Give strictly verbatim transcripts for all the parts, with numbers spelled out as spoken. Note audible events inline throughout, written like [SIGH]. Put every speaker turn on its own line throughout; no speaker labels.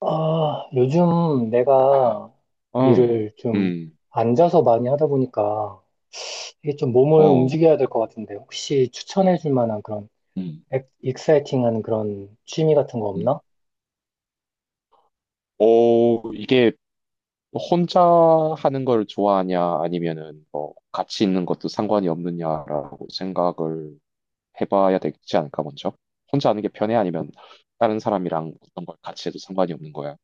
아, 요즘 내가
음,
일을 좀
음,
앉아서 많이 하다 보니까 이게 좀 몸을
어,
움직여야 될 것 같은데 혹시 추천해 줄 만한 그런
음,
엑- 익사이팅한 그런 취미 같은 거
음.
없나?
오, 이게 혼자 하는 걸 좋아하냐, 아니면은 뭐 같이 있는 것도 상관이 없느냐라고 생각을 해봐야 되지 않을까, 먼저? 혼자 하는 게 편해? 아니면 다른 사람이랑 어떤 걸 같이 해도 상관이 없는 거야?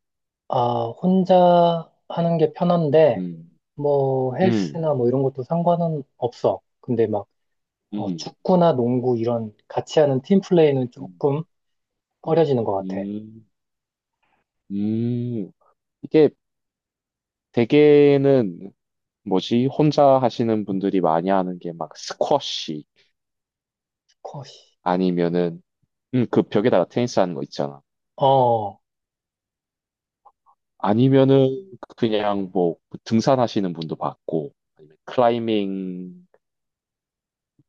아, 혼자 하는 게 편한데
음,
뭐
음,
헬스나 뭐 이런 것도 상관은 없어. 근데 막 어,
음,
축구나 농구 이런 같이 하는 팀 플레이는
음,
조금
음,
꺼려지는 것 같아.
음. 음. 이게 대개는 뭐지? 혼자 하시는 분들이 많이 하는 게 막 스쿼시
컷이.
아니면은 음, 그 벽에다가 테니스 하는 거 있잖아.
어,
아니면은 그냥 뭐 등산하시는 분도 봤고, 아니면 클라이밍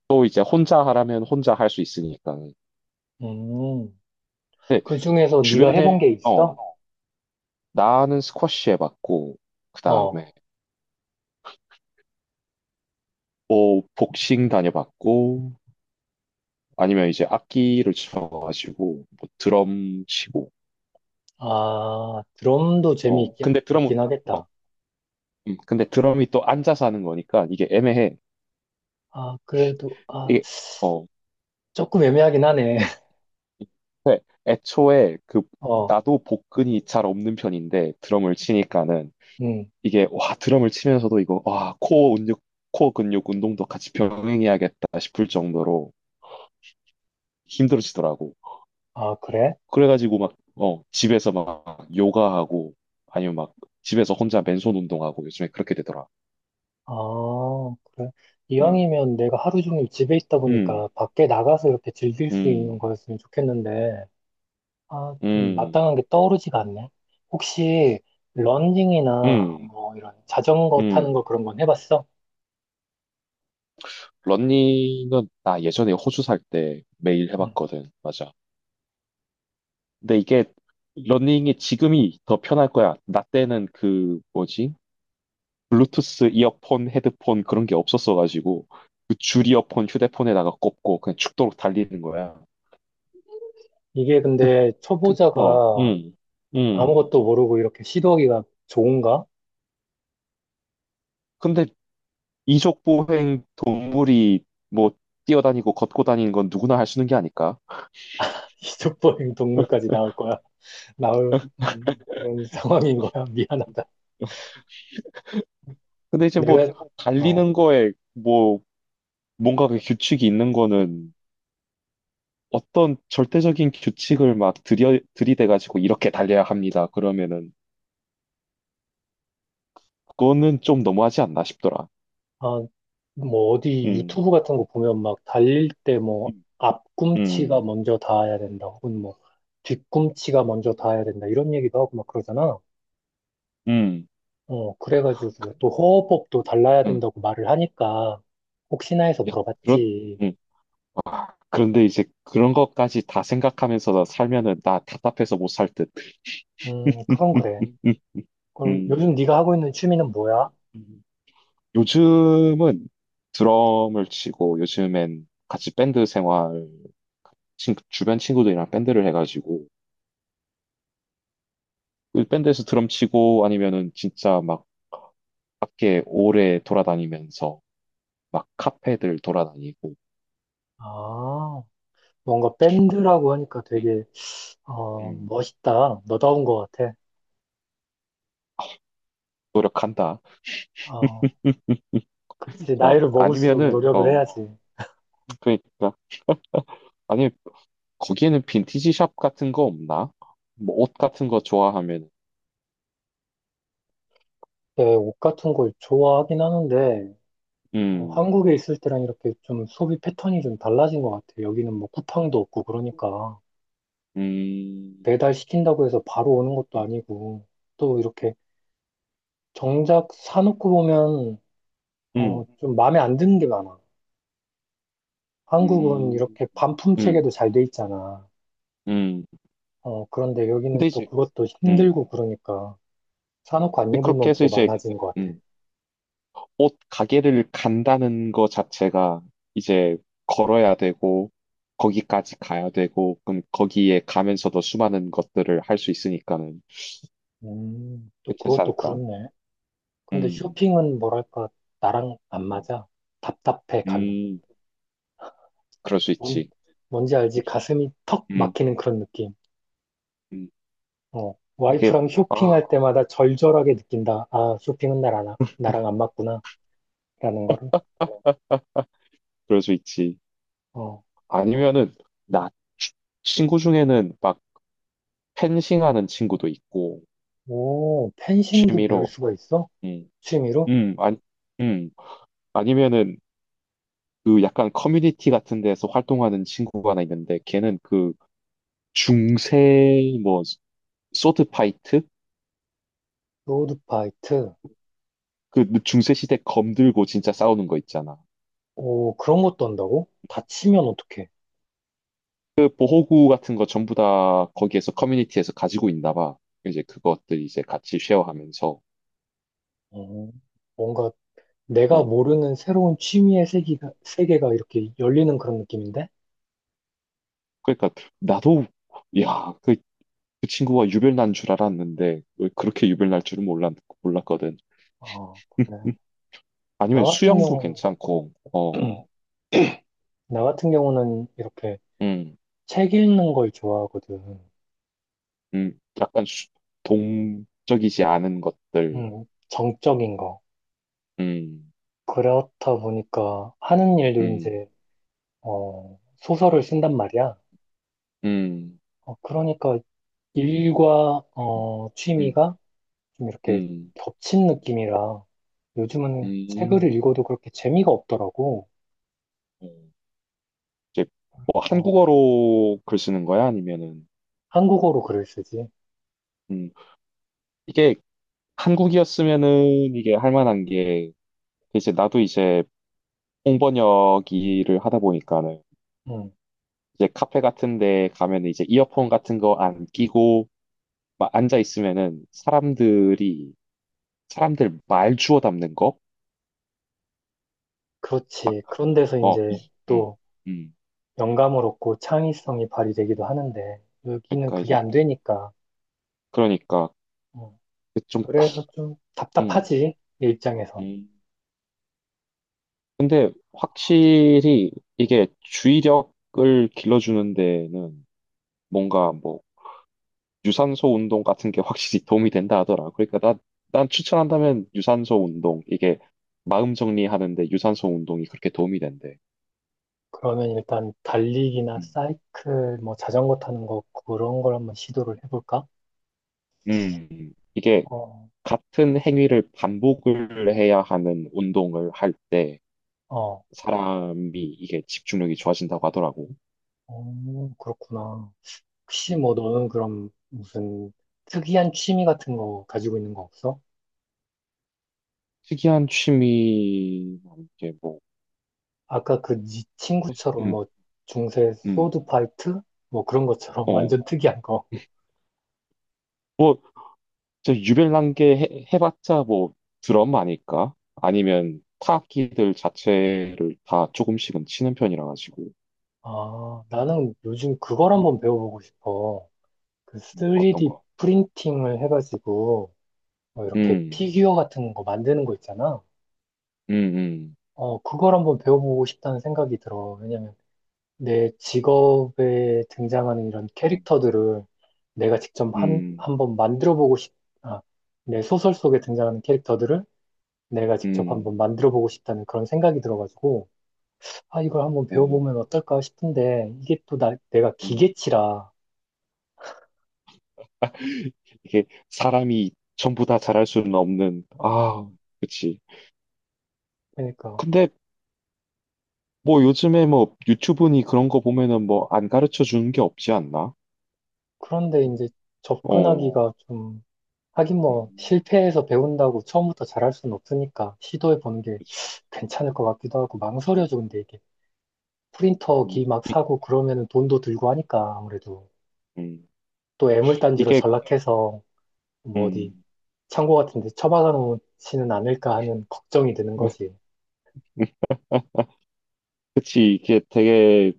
또 이제 혼자 하라면 혼자 할 수 있으니까.
음.
근데
그 중에서 네가 해본
주변에
게 있어?
어 나는 스쿼시 해봤고, 그
어.
다음에 뭐 복싱 다녀봤고, 아니면 이제 악기를 쳐가지고 뭐 드럼 치고.
아, 드럼도
어
재미있긴
근데 드럼은
있긴
어
하겠다.
음, 근데 드럼이 또 앉아서 하는 거니까 이게 애매해.
아, 그래도, 아,
이게 어,
조금 애매하긴 하네. [LAUGHS]
네, 애초에 그
어,
나도 복근이 잘 없는 편인데 드럼을 치니까는
음.
이게 와 드럼을 치면서도 이거 와 코어 근육 코어 근육 운동도 같이 병행해야겠다 싶을 정도로 힘들어지더라고.
아, 그래?
그래가지고 막 어, 집에서 막 요가하고 아니면 막 집에서 혼자 맨손 운동하고 요즘에 그렇게 되더라.
아, 그래.
음,
이왕이면 내가 하루 종일 집에 있다
음,
보니까 밖에 나가서 이렇게 즐길 수 있는
음,
거였으면 좋겠는데, 아, 좀
음,
마땅한 게 떠오르지가 않네. 혹시, 런닝이나
음,
뭐 이런 자전거 타는 거
음.
그런 건 해봤어?
러닝은 나 예전에 호주 살 때 매일
음.
해봤거든. 맞아. 근데 이게 러닝이 지금이 더 편할 거야. 나 때는 그 뭐지? 블루투스 이어폰, 헤드폰 그런 게 없었어가지고 그 줄이어폰 휴대폰에다가 꼽고 그냥 죽도록 달리는 거야.
이게 근데
그, 어,
초보자가
응, 응.
아무것도 모르고 이렇게 시도하기가 좋은가?
근데 이족보행 동물이 뭐 뛰어다니고 걷고 다니는 건 누구나 할 수 있는 게 아닐까?
이족보행 동물까지 나올 거야. [LAUGHS] 나올 음, 그런 상황인 거야. [LAUGHS] 미안하다.
근데 이제 뭐
내가, 어,
달리는 거에 뭐 뭔가 그 규칙이 있는 거는 어떤 절대적인 규칙을 막 들여, 들이대가지고 이렇게 달려야 합니다. 그러면은 그거는 좀 너무하지 않나 싶더라.
아, 뭐 어디
음,
유튜브 같은 거 보면 막 달릴 때 뭐
음,
앞꿈치가
음,
먼저 닿아야 된다. 혹은 뭐 뒤꿈치가 먼저 닿아야 된다. 이런 얘기도 하고 막 그러잖아.
음,
어, 그래가지고 또 호흡법도 달라야
음.
된다고 말을 하니까 혹시나 해서
야, 그런,
물어봤지.
음. 그런데 이제 그런 것까지 다 생각하면서 살면은 나 답답해서 못 살 듯.
음, 그건
음,
그래.
음,
그럼
음.
요즘 네가 하고 있는 취미는 뭐야?
음. 요즘은 드럼을 치고 요즘엔 같이 밴드 생활 친- 주변 친구들이랑 밴드를 해가지고 그 밴드에서 드럼 치고 아니면은 진짜 막 밖에 오래 돌아다니면서 막 카페들 돌아다니고
아, 뭔가 밴드라고 하니까
음,
되게 어,
음,
멋있다. 너다운 것 같아.
노력한다.
어, 그치.
어,
나이를 먹을수록
아니면은
노력을
어
해야지.
그러니까 아니 거기에는 빈티지 샵 같은 거 없나? 뭐 옷 같은 거 좋아하면
네, 옷 같은 걸 좋아하긴 하는데, 어,
음,
한국에 있을 때랑 이렇게 좀 소비 패턴이 좀 달라진 것 같아. 여기는 뭐 쿠팡도 없고 그러니까.
음,
배달 시킨다고 해서 바로 오는 것도 아니고, 또 이렇게 정작 사놓고 보면, 어,
음,
좀 마음에 안 드는 게 많아. 한국은
음,
이렇게 반품
음,
체계도 잘 돼 있잖아.
음.
어, 그런데 여기는
근데
또
이제
그것도
음
힘들고 그러니까. 사놓고 안
근데
입은
그렇게 해서
옷도
이제
많아진 것 같아.
음. 옷 가게를 간다는 거 자체가 이제 걸어야 되고, 거기까지 가야 되고, 그럼 거기에 가면서도 수많은 것들을 할 수 있으니까는
음, 또
괜찮지
그것도
않을까?
그렇네. 근데
음,
쇼핑은 뭐랄까, 나랑 안 맞아. 답답해, 가면.
음, 그럴 수
뭔,
있지.
뭔지 알지? 가슴이 턱
음,
막히는 그런 느낌.
음.
어,
이게,
와이프랑
아,
쇼핑할 때마다 절절하게 느낀다. 아, 쇼핑은 나랑, 나랑 안 맞구나. 라는 거를.
[LAUGHS] 그럴 수 있지.
어,
아니면은, 나 치- 친구 중에는 막 펜싱 하는 친구도 있고,
오, 펜싱도 배울
취미로,
수가 있어?
음,
취미로?
음, 아니, 음, 아니면은, 그 약간 커뮤니티 같은 데서 활동하는 친구가 하나 있는데 걔는 그 중세 뭐 소드 파이트
로드파이트.
그 중세 시대 검 들고 진짜 싸우는 거 있잖아.
오, 그런 것도 한다고? 다치면 어떡해.
그 보호구 같은 거 전부 다 거기에서 커뮤니티에서 가지고 있나 봐. 이제 그것들 이제 같이 쉐어하면서
어, 뭔가 내가
어
모르는 새로운 취미의 세계가, 세계가 이렇게 열리는 그런 느낌인데?
그러니까 나도 야 그 그 친구가 유별난 줄 알았는데 왜 그렇게 유별날 줄은 몰랐 몰랐거든.
아, 그래.
음,
나
아니면
같은
수영도
경우는,
괜찮고 어
[CLEARS THROAT] 나 같은 경우는 이렇게
음.
책 읽는 걸 좋아하거든.
음, 약간 수- 동적이지 않은 것들.
음, 정적인 거.
음,
그렇다 보니까 하는 일도
음,
이제, 어, 소설을 쓴단 말이야.
음,
어, 그러니까 일과, 어,
음,
취미가 좀 이렇게
음,
겹친 느낌이라 요즘은 책을
음.
읽어도 그렇게 재미가 없더라고.
음. 이제 뭐
그래서
한국어로 글 쓰는 거야? 아니면은,
한국어로 글을 쓰지.
음, 이게 한국이었으면은 이게 할 만한 게, 이제 나도 이제 홍번역 일을 하다 보니까는,
음,
이제 카페 같은 데 가면 이제 이어폰 같은 거 안 끼고, 막 앉아 있으면은 사람들이, 사람들 말 주워 담는 거?
그렇지. 그런 데서
어,
이제
음, 음,
또
음.
영감을 얻고 창의성이 발휘되기도 하는데 여기는
그러니까
그게
이제,
안 되니까
그러니까,
어,
그 좀, 아,
그래서 좀
음,
답답하지 내 입장에선.
음. 근데 확실히 이게 주의력을 길러주는 데는 뭔가 뭐, 유산소 운동 같은 게 확실히 [LAUGHS] 도움이 된다 하더라. 그러니까 난, 난 추천한다면 유산소 운동, 이게 마음 정리하는데 유산소 운동이 그렇게 도움이 된대.
그러면 일단 달리기나
음,
사이클 뭐 자전거 타는 거 그런 걸 한번 시도를 해볼까?
음. 이게
어,
같은 행위를 반복을 해야 하는 운동을 할 때,
어,
사람이 이게 집중력이 좋아진다고 하더라고.
어, 그렇구나. 혹시 뭐
음,
너는 그럼 무슨 특이한 취미 같은 거 가지고 있는 거 없어?
특이한 취미 이게 뭐,
아까 그 네 친구처럼
음,
뭐 중세
음,
소드 파이트 뭐 그런 것처럼 [LAUGHS]
어,
완전 특이한 거.
뭐, 저 유별난 게 해, 해봤자 뭐 드럼 아닐까? 아니면 타악기들 자체를 다 조금씩은 치는 편이라 가지고,
아, 나는 요즘 그걸 한번
음,
배워보고 싶어. 그
음, 어떤
쓰리디
거?
프린팅을 해가지고, 뭐 이렇게
음,
피규어 같은 거 만드는 거 있잖아.
음, 음,
어, 그걸 한번 배워보고 싶다는 생각이 들어. 왜냐면 내 직업에 등장하는 이런 캐릭터들을 내가 직접 한,
음,
한번 만들어보고 싶, 아, 내 소설 속에 등장하는 캐릭터들을 내가 직접
음,
한번 만들어보고 싶다는 그런 생각이 들어가지고, 아, 이걸 한번
어,
배워보면 어떨까 싶은데, 이게 또 나, 내가
음.
기계치라.
이게 사람이 전부 다 잘할 수는 없는,
어,
아, 그치.
그러니까.
근데 뭐 요즘에 뭐 유튜브니 그런 거 보면은 뭐 안 가르쳐 주는 게 없지 않나?
그런데 이제
어.
접근하기가 좀, 하긴 뭐,
음,
실패해서 배운다고 처음부터 잘할 수는 없으니까, 시도해 보는 게
그치,
괜찮을 것 같기도 하고,
그치.
망설여져, 근데 이게.
음,
프린터기 막
이,
사고 그러면은 돈도 들고 하니까, 아무래도.
음,
또 애물단지로
이게,
전락해서, 뭐 어디,
음,
창고 같은 데 처박아 놓지는 않을까 하는 걱정이 드는
[LAUGHS]
거지.
그치, 이게 되게,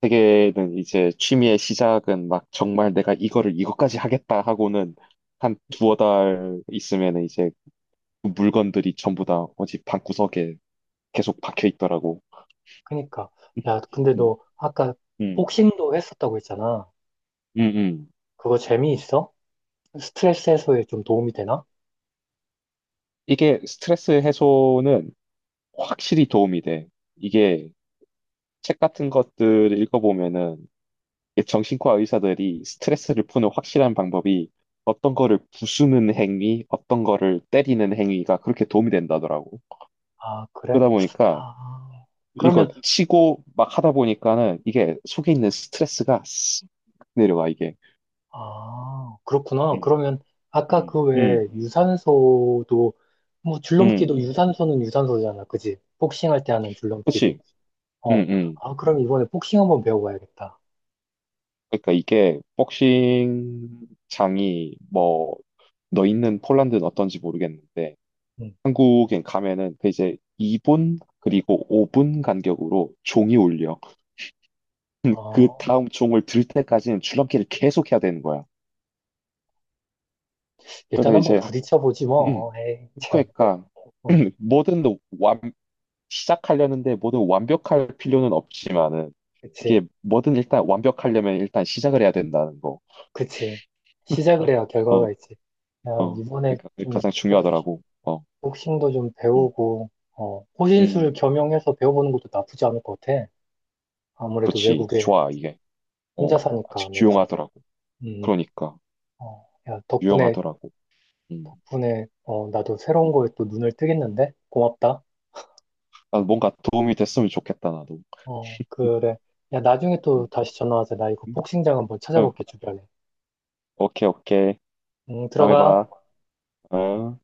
되게는 이제 취미의 시작은 막 정말 내가 이거를 이것까지 하겠다 하고는 한 두어 달 있으면 이제 그 물건들이 전부 다 어디 방구석에 계속 박혀 있더라고.
그니까. 러 야, 근데
음,
너 아까
음,
복싱도 했었다고 했잖아.
음, 음.
그거 재미있어? 스트레스 해소에 좀 도움이 되나?
이게 스트레스 해소는 확실히 도움이 돼. 이게 책 같은 것들 읽어보면은 이 정신과 의사들이 스트레스를 푸는 확실한 방법이 어떤 거를 부수는 행위, 어떤 거를 때리는 행위가 그렇게 도움이 된다더라고.
아, 그래?
그러다 보니까
아,
이거
그러면,
치고 막 하다 보니까는 이게 속에 있는 스트레스가 내려가, 이게.
아, 그렇구나.
음,
그러면, 아까
음,
그 외에
음,
유산소도, 뭐, 줄넘기도
음.
유산소는 유산소잖아. 그지? 복싱 할 때 하는 줄넘기도.
그치? 음,
어,
음.
아, 그럼 이번에 복싱 한번 배워봐야겠다.
그러니까 이게 복싱 장이 뭐, 너 있는 폴란드는 어떤지 모르겠는데
응.
한국에 가면은 그 이제 이 분 그리고 오 분 간격으로 종이 울려. [LAUGHS] 그
어,
다음 종을 들 때까지는 줄넘기를 계속 해야 되는 거야.
일단
그러다
한번
이제 하-
부딪혀보지
음,
뭐. 에이, 참.
그러니까
어,
[CLEARS THROAT] 뭐든 완 시작하려는데 뭐든 완벽할 필요는 없지만은
그치.
이게 뭐든 일단 완벽하려면 일단 시작을 해야 된다는 거.
그치. 시작을 해야
어,
결과가 있지. 야,
어.
이번에
그러니까 그게
좀,
가장
복싱,
중요하더라고. 어.
복싱도 좀
음.
배우고, 어,
음.
호신술 겸용해서 배워보는 것도 나쁘지 않을 것 같아. 아무래도
그치.
외국에
좋아, 이게. 어.
혼자 사니까
아직
내가,
유용하더라고.
음,
그러니까
어, 야, 덕분에,
유용하더라고. 음.
덕분에, 어, 나도 새로운
음.
거에 또 눈을 뜨겠는데? 고맙다.
난 뭔가 도움이 됐으면 좋겠다, 나도.
어, 그래. 야, 나중에
응,
또 다시 전화하자. 나 이거 복싱장 한번
응,
찾아볼게, 주변에.
오케이, 오케이.
음,
다음에
들어가.
봐. 어.